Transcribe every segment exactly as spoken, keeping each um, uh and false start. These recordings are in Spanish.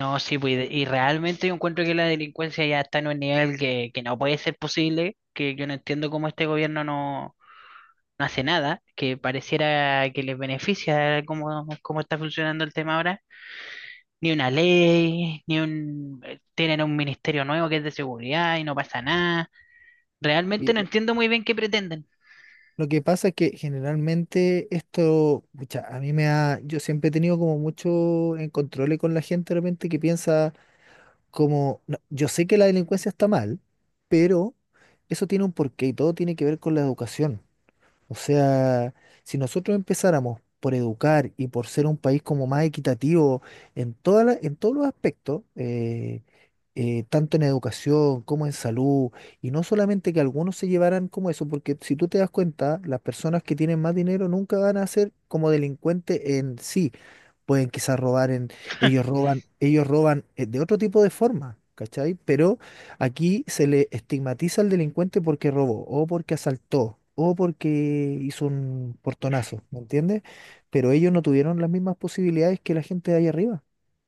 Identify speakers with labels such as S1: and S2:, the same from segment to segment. S1: No, sí, pues, y de- y realmente yo encuentro que la delincuencia ya está en un nivel que, que no puede ser posible, que yo no entiendo cómo este gobierno no, no hace nada, que pareciera que les beneficia cómo, cómo está funcionando el tema ahora. Ni una ley, ni un... eh, Tienen un ministerio nuevo que es de seguridad y no pasa nada. Realmente
S2: Y
S1: no
S2: lo
S1: entiendo muy bien qué pretenden.
S2: lo que pasa es que generalmente esto, pucha, a mí me ha, yo siempre he tenido como mucho en control con la gente de repente que piensa como, "No, yo sé que la delincuencia está mal, pero eso tiene un porqué y todo tiene que ver con la educación. O sea, si nosotros empezáramos por educar y por ser un país como más equitativo en toda la- en todos los aspectos, eh, eh, tanto en educación como en salud, y no solamente que algunos se llevaran como eso, porque si tú te das cuenta, las personas que tienen más dinero nunca van a ser como delincuentes en sí, pueden quizás robar en, ellos roban, ellos roban eh, de otro tipo de forma, ¿cachai? Pero aquí se le estigmatiza al delincuente porque robó, o porque asaltó, o porque hizo un portonazo, ¿me entiendes? Pero ellos no tuvieron las mismas posibilidades que la gente de ahí arriba.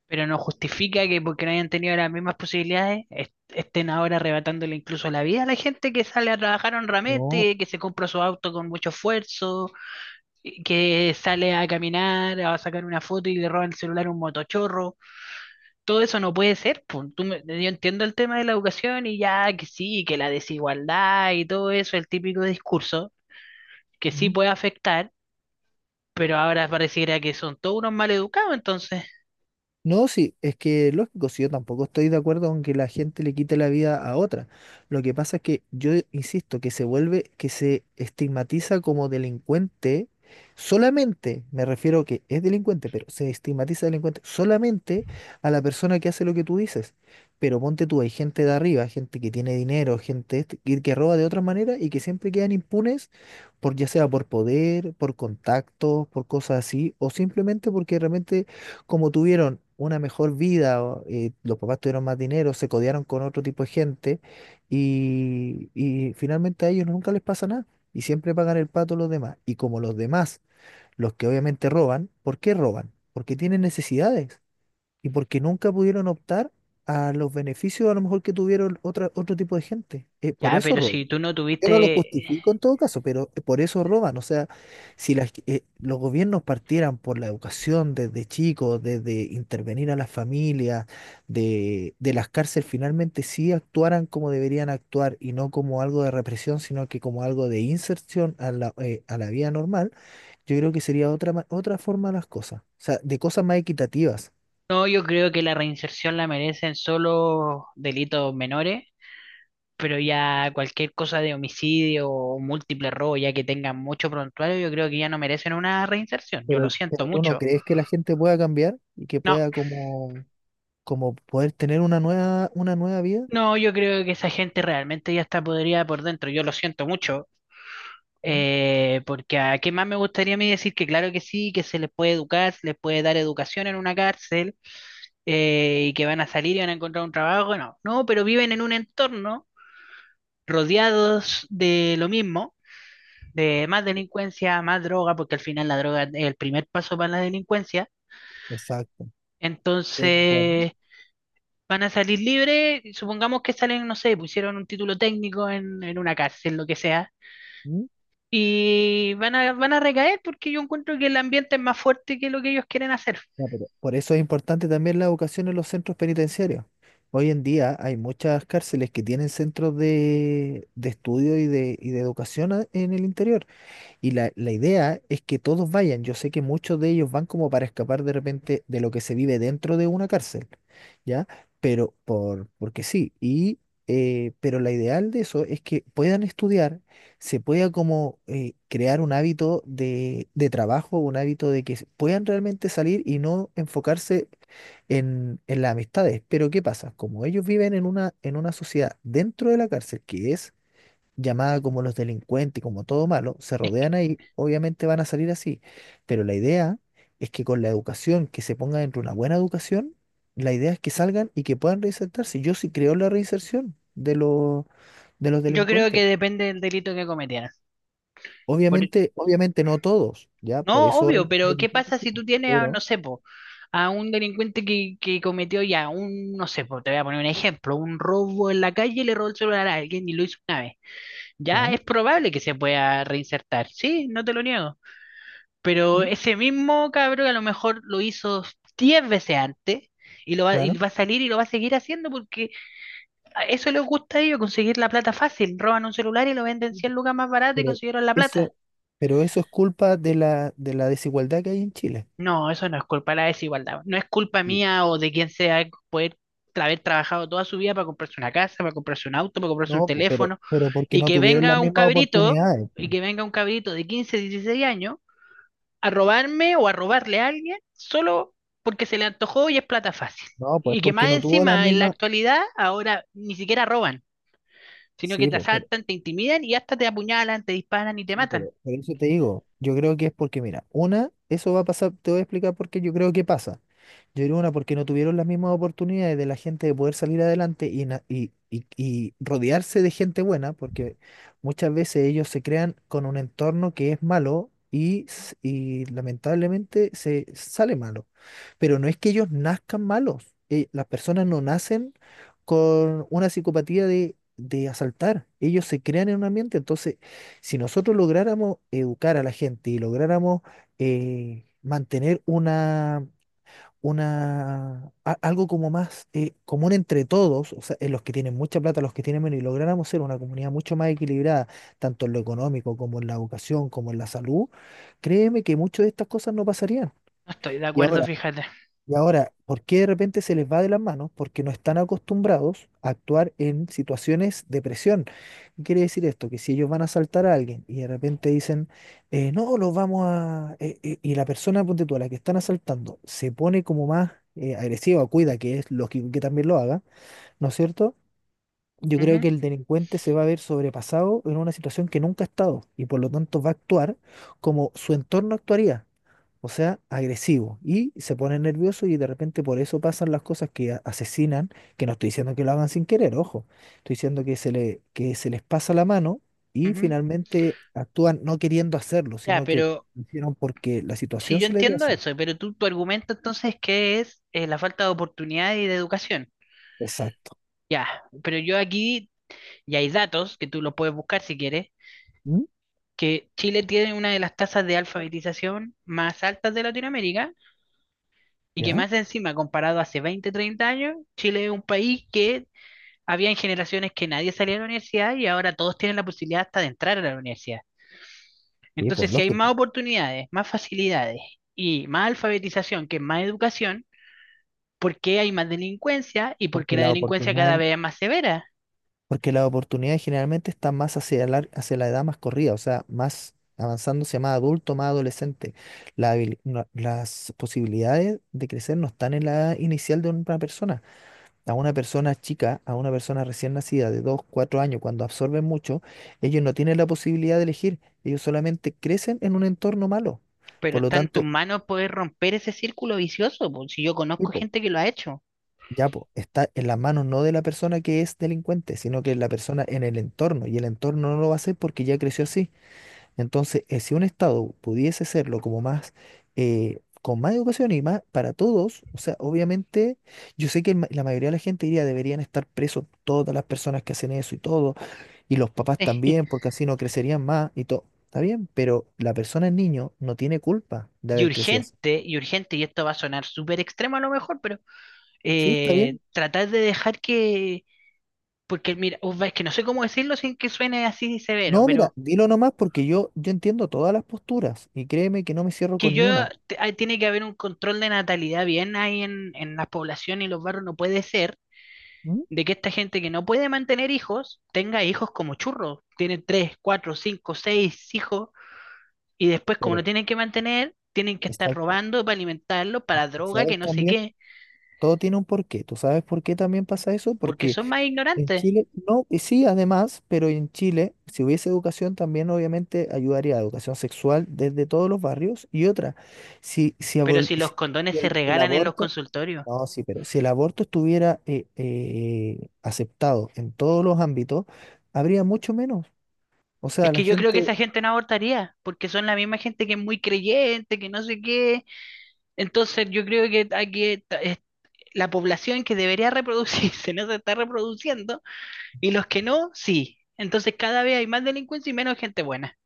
S1: Pero no justifica que porque no hayan tenido las mismas posibilidades est- estén ahora arrebatándole incluso la vida a la gente que sale a trabajar
S2: No.
S1: honramente, que se compra su auto con mucho esfuerzo, y que sale a caminar, a sacar una foto y le roban el celular a un motochorro. Todo eso no puede ser, po. Tú me- yo entiendo el tema de la educación y ya que sí, que la desigualdad y todo eso, el típico discurso que sí puede afectar, pero ahora pareciera que son todos unos mal educados entonces.
S2: No, sí, es que lógico, si yo tampoco estoy de acuerdo con que la gente le quite la vida a otra. Lo que pasa es que yo insisto que se vuelve, que se estigmatiza como delincuente solamente, me refiero que es delincuente, pero se estigmatiza delincuente solamente a la persona que hace lo que tú dices. Pero ponte tú, hay gente de arriba, gente que tiene dinero, gente este- que, que roba de otra manera y que siempre quedan impunes por ya sea por poder, por contactos, por cosas así, o simplemente porque realmente como tuvieron una mejor vida, o, eh, los papás tuvieron más dinero, se codearon con otro tipo de gente y, y finalmente a ellos nunca les pasa nada y siempre pagan el pato los demás. Y como los demás, los que obviamente roban, ¿por qué roban? Porque tienen necesidades y porque nunca pudieron optar a los beneficios a lo mejor que tuvieron otra, otro tipo de gente. Eh, por
S1: Ya,
S2: eso
S1: pero
S2: roban.
S1: si tú no
S2: Yo no lo
S1: tuviste.
S2: justifico en todo caso, pero por eso roban. O sea, si las- eh, los gobiernos partieran por la educación desde chicos, desde intervenir a las familias, de, de las cárceles, finalmente sí actuaran como deberían actuar y no como algo de represión, sino que como algo de inserción a la, eh, a la vida normal, yo creo que sería otra, ma- otra forma de las cosas. O sea, de cosas más equitativas.
S1: No, yo creo que la reinserción la merecen solo delitos menores, pero ya cualquier cosa de homicidio o múltiple robo, ya que tengan mucho prontuario, yo creo que ya no merecen una reinserción. Yo lo
S2: Pero,
S1: siento
S2: pero tú no
S1: mucho.
S2: crees que la gente pueda cambiar y que
S1: No,
S2: pueda como, como poder tener una nueva, una nueva vida?
S1: no, yo creo que esa gente realmente ya está podrida por dentro. Yo lo siento mucho. Eh, porque a qué más me gustaría a mí decir que claro que sí, que se les puede educar, se les puede dar educación en una cárcel eh, y que van a salir y van a encontrar un trabajo. No, no, pero viven en un entorno rodeados de lo mismo, de más delincuencia, más droga, porque al final la droga es el primer paso para la delincuencia.
S2: Exacto. Estoy de acuerdo.
S1: Entonces van a salir libres, supongamos que salen, no sé, pusieron un título técnico en, en una cárcel, lo que sea,
S2: ¿Mm?
S1: y van a, van a recaer porque yo encuentro que el ambiente es más fuerte que lo que ellos quieren hacer.
S2: Ya, pero por eso es importante también la educación en los centros penitenciarios. Hoy en día hay muchas cárceles que tienen centros de, de estudio y de, y de educación a- en el interior. Y la, la idea es que todos vayan. Yo sé que muchos de ellos van como para escapar de repente de lo que se vive dentro de una cárcel, ¿ya? Pero por, porque sí. Y, eh, pero la ideal de eso es que puedan estudiar, se pueda como eh, crear un hábito de, de trabajo, un hábito de que s- puedan realmente salir y no enfocarse en, en las amistades. Pero ¿qué pasa? Como ellos viven en una, en una sociedad dentro de la cárcel, que es llamada como los delincuentes, como todo malo, se
S1: Es que
S2: rodean ahí, obviamente van a salir así. Pero la idea es que con la educación, que se ponga dentro una buena educación, la idea es que salgan y que puedan reinsertarse. Yo sí creo en la reinserción de los, de los
S1: yo creo
S2: delincuentes.
S1: que depende del delito que cometieran. Por-
S2: Obviamente, obviamente no todos, ¿ya? Por
S1: No,
S2: eso
S1: obvio,
S2: hay,
S1: pero
S2: hay
S1: ¿qué
S2: distintos
S1: pasa si
S2: tipos.
S1: tú tienes a, no
S2: Pero,
S1: sé, po, a un delincuente que, que cometió ya un, no sé, po, te voy a poner un ejemplo, un robo en la calle y le robó el celular a alguien y lo hizo una vez? Ya
S2: claro,
S1: es probable que se pueda reinsertar, sí, no te lo niego. Pero
S2: mm,
S1: ese mismo cabrón a lo mejor lo hizo diez veces antes y, lo va, y
S2: claro,
S1: va a salir y lo va a seguir haciendo porque a eso les gusta a ellos, conseguir la plata fácil. Roban un celular y lo venden cien lucas más barato y
S2: pero
S1: consiguieron la plata.
S2: eso, pero eso es culpa de la, de la desigualdad que hay en Chile.
S1: No, eso no es culpa de la desigualdad. No es culpa
S2: Sí.
S1: mía o de quien sea poder tra- haber trabajado toda su vida para comprarse una casa, para comprarse un auto, para comprarse un
S2: No, pu- pero,
S1: teléfono,
S2: pero porque
S1: y
S2: no
S1: que
S2: tuvieron las
S1: venga un
S2: mismas
S1: cabrito,
S2: oportunidades.
S1: y que venga un cabrito de quince dieciséis años a robarme o a robarle a alguien solo porque se le antojó y es plata fácil.
S2: No, pues
S1: Y que
S2: porque
S1: más
S2: no tuvo la
S1: encima, en la
S2: misma.
S1: actualidad, ahora ni siquiera roban, sino que
S2: Sí,
S1: te
S2: pues.
S1: asaltan, te intimidan y hasta te apuñalan, te disparan y te
S2: Sí,
S1: matan.
S2: pero por eso te digo, yo creo que es porque, mira, una, eso va a pasar, te voy a explicar por qué yo creo que pasa. Yo creo una, porque no tuvieron las mismas oportunidades de la gente de poder salir adelante y, na- y, y, y rodearse de gente buena, porque muchas veces ellos se crean con un entorno que es malo y, s- y lamentablemente se sale malo. Pero no es que ellos nazcan malos, eh, las personas no nacen con una psicopatía de, de asaltar, ellos se crean en un ambiente, entonces si nosotros lográramos educar a la gente y lográramos eh, mantener una, una, a- algo como más eh, común entre todos, o sea, en los que tienen mucha plata, los que tienen menos, y lográramos ser una comunidad mucho más equilibrada, tanto en lo económico como en la educación, como en la salud, créeme que muchas de estas cosas no pasarían.
S1: No estoy de
S2: Y
S1: acuerdo,
S2: ahora,
S1: fíjate.
S2: y ahora, ¿por qué de repente se les va de las manos? Porque no están acostumbrados a actuar en situaciones de presión. ¿Qué quiere decir esto? Que si ellos van a asaltar a alguien y de repente dicen, eh, no, los vamos a... eh, eh", y la persona, ponte tú, a la que están asaltando, se pone como más eh, agresiva, cuida, que es lógico que también lo haga, ¿no es cierto? Yo creo
S1: Ujú,
S2: que el delincuente se va a ver sobrepasado en una situación que nunca ha estado y por lo tanto va a actuar como su entorno actuaría, o sea, agresivo, y se pone nervioso y de repente por eso pasan las cosas que a- asesinan, que no estoy diciendo que lo hagan sin querer, ojo, estoy diciendo que se le, que se les pasa la mano y
S1: ujú.
S2: finalmente actúan no queriendo hacerlo,
S1: Ya,
S2: sino que
S1: pero
S2: lo hicieron porque la
S1: si
S2: situación
S1: yo
S2: se les dio
S1: entiendo
S2: así.
S1: eso, pero tú, tu argumento entonces que es eh, la falta de oportunidad y de educación.
S2: Exacto.
S1: Ya, pero yo aquí, y hay datos que tú los puedes buscar si quieres,
S2: ¿Mm?
S1: que Chile tiene una de las tasas de alfabetización más altas de Latinoamérica. Y que
S2: ¿Ya?
S1: más encima, comparado a hace veinte treinta años, Chile es un país que había en generaciones que nadie salía de la universidad y ahora todos tienen la posibilidad hasta de entrar a la universidad.
S2: Sí,
S1: Entonces,
S2: pues
S1: si hay más
S2: lógico,
S1: oportunidades, más facilidades y más alfabetización, que es más educación, ¿por qué hay más delincuencia y por qué
S2: porque
S1: la
S2: la
S1: delincuencia
S2: oportunidad
S1: cada vez es más severa?
S2: Porque las oportunidades generalmente están más hacia la, hacia la edad más corrida, o sea, más avanzándose más adulto, más adolescente. La habili- no- las posibilidades de crecer no están en la edad inicial de una persona. A una persona chica, a una persona recién nacida de dos cuatro años, cuando absorben mucho, ellos no tienen la posibilidad de elegir, ellos solamente crecen en un entorno malo.
S1: Pero
S2: Por lo
S1: está en tus
S2: tanto,
S1: manos poder romper ese círculo vicioso, po, si yo
S2: sí,
S1: conozco
S2: po,
S1: gente que lo ha hecho.
S2: ya po, está en las manos no de la persona que es delincuente, sino que la persona en el entorno, y el entorno no lo va a hacer porque ya creció así. Entonces, eh, si un Estado pudiese serlo como más, eh, con más educación y más para todos, o sea, obviamente, yo sé que el ma- la mayoría de la gente diría deberían estar presos todas las personas que hacen eso y todo, y los papás también, porque así no crecerían más y todo. Está bien, pero la persona, el niño, no tiene culpa de
S1: Y
S2: haber crecido así.
S1: urgente, y urgente, y esto va a sonar súper extremo a lo mejor, pero
S2: ¿Sí? ¿Está
S1: eh,
S2: bien?
S1: tratar de dejar que, porque mira, uf, es que no sé cómo decirlo sin que suene así severo,
S2: No, mira,
S1: pero
S2: dilo nomás porque yo, yo entiendo todas las posturas y créeme que no me cierro
S1: que
S2: con
S1: yo,
S2: ni una.
S1: te- ah, tiene que haber un control de natalidad bien ahí en, en las poblaciones y los barrios, no puede ser
S2: ¿Mm?
S1: de que esta gente que no puede mantener hijos tenga hijos como churros, tienen tres, cuatro, cinco, seis hijos y después como no
S2: Pero,
S1: tienen que mantener, tienen que estar
S2: exacto.
S1: robando para alimentarlos, para droga,
S2: ¿Sabes
S1: que no sé
S2: también?
S1: qué,
S2: Todo tiene un porqué. ¿Tú sabes por qué también pasa eso?
S1: porque
S2: Porque
S1: son más
S2: en
S1: ignorantes.
S2: Chile, no, y sí, además, pero en Chile, si hubiese educación, también obviamente ayudaría a educación sexual desde todos los barrios. Y otra, si, si,
S1: Pero
S2: abol-
S1: si los
S2: si-
S1: condones
S2: si
S1: se
S2: el, el
S1: regalan en los
S2: aborto,
S1: consultorios.
S2: no, sí, pero si el aborto estuviera eh, eh, aceptado en todos los ámbitos, habría mucho menos. O
S1: Es
S2: sea, la
S1: que yo creo que
S2: gente,
S1: esa gente no abortaría, porque son la misma gente que es muy creyente, que no sé qué. Entonces yo creo que aquí ta- es- la población que debería reproducirse no se está reproduciendo y los que no, sí. Entonces cada vez hay más delincuencia y menos gente buena.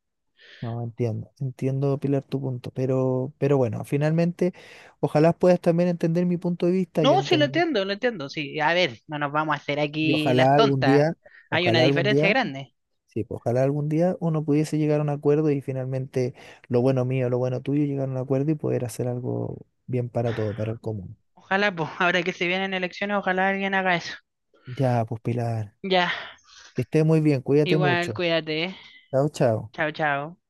S2: no, entiendo, entiendo, Pilar, tu punto, pero, pero bueno, finalmente, ojalá puedas también entender mi punto de vista, yo
S1: No, sí lo
S2: entender.
S1: entiendo, lo entiendo. Sí, a ver, no nos vamos a hacer
S2: Y
S1: aquí las
S2: ojalá algún
S1: tontas.
S2: día,
S1: Hay una
S2: ojalá algún
S1: diferencia
S2: día,
S1: grande.
S2: sí, pues, ojalá algún día uno pudiese llegar a un acuerdo y finalmente lo bueno mío, lo bueno tuyo, llegar a un acuerdo y poder hacer algo bien para todo, para el común.
S1: Ojalá, pues, ahora que se vienen elecciones, ojalá alguien haga eso.
S2: Ya, pues Pilar,
S1: Ya,
S2: que esté muy bien, cuídate
S1: igual,
S2: mucho.
S1: cuídate. ¿Eh?
S2: Chao, chao.
S1: Chao, chao.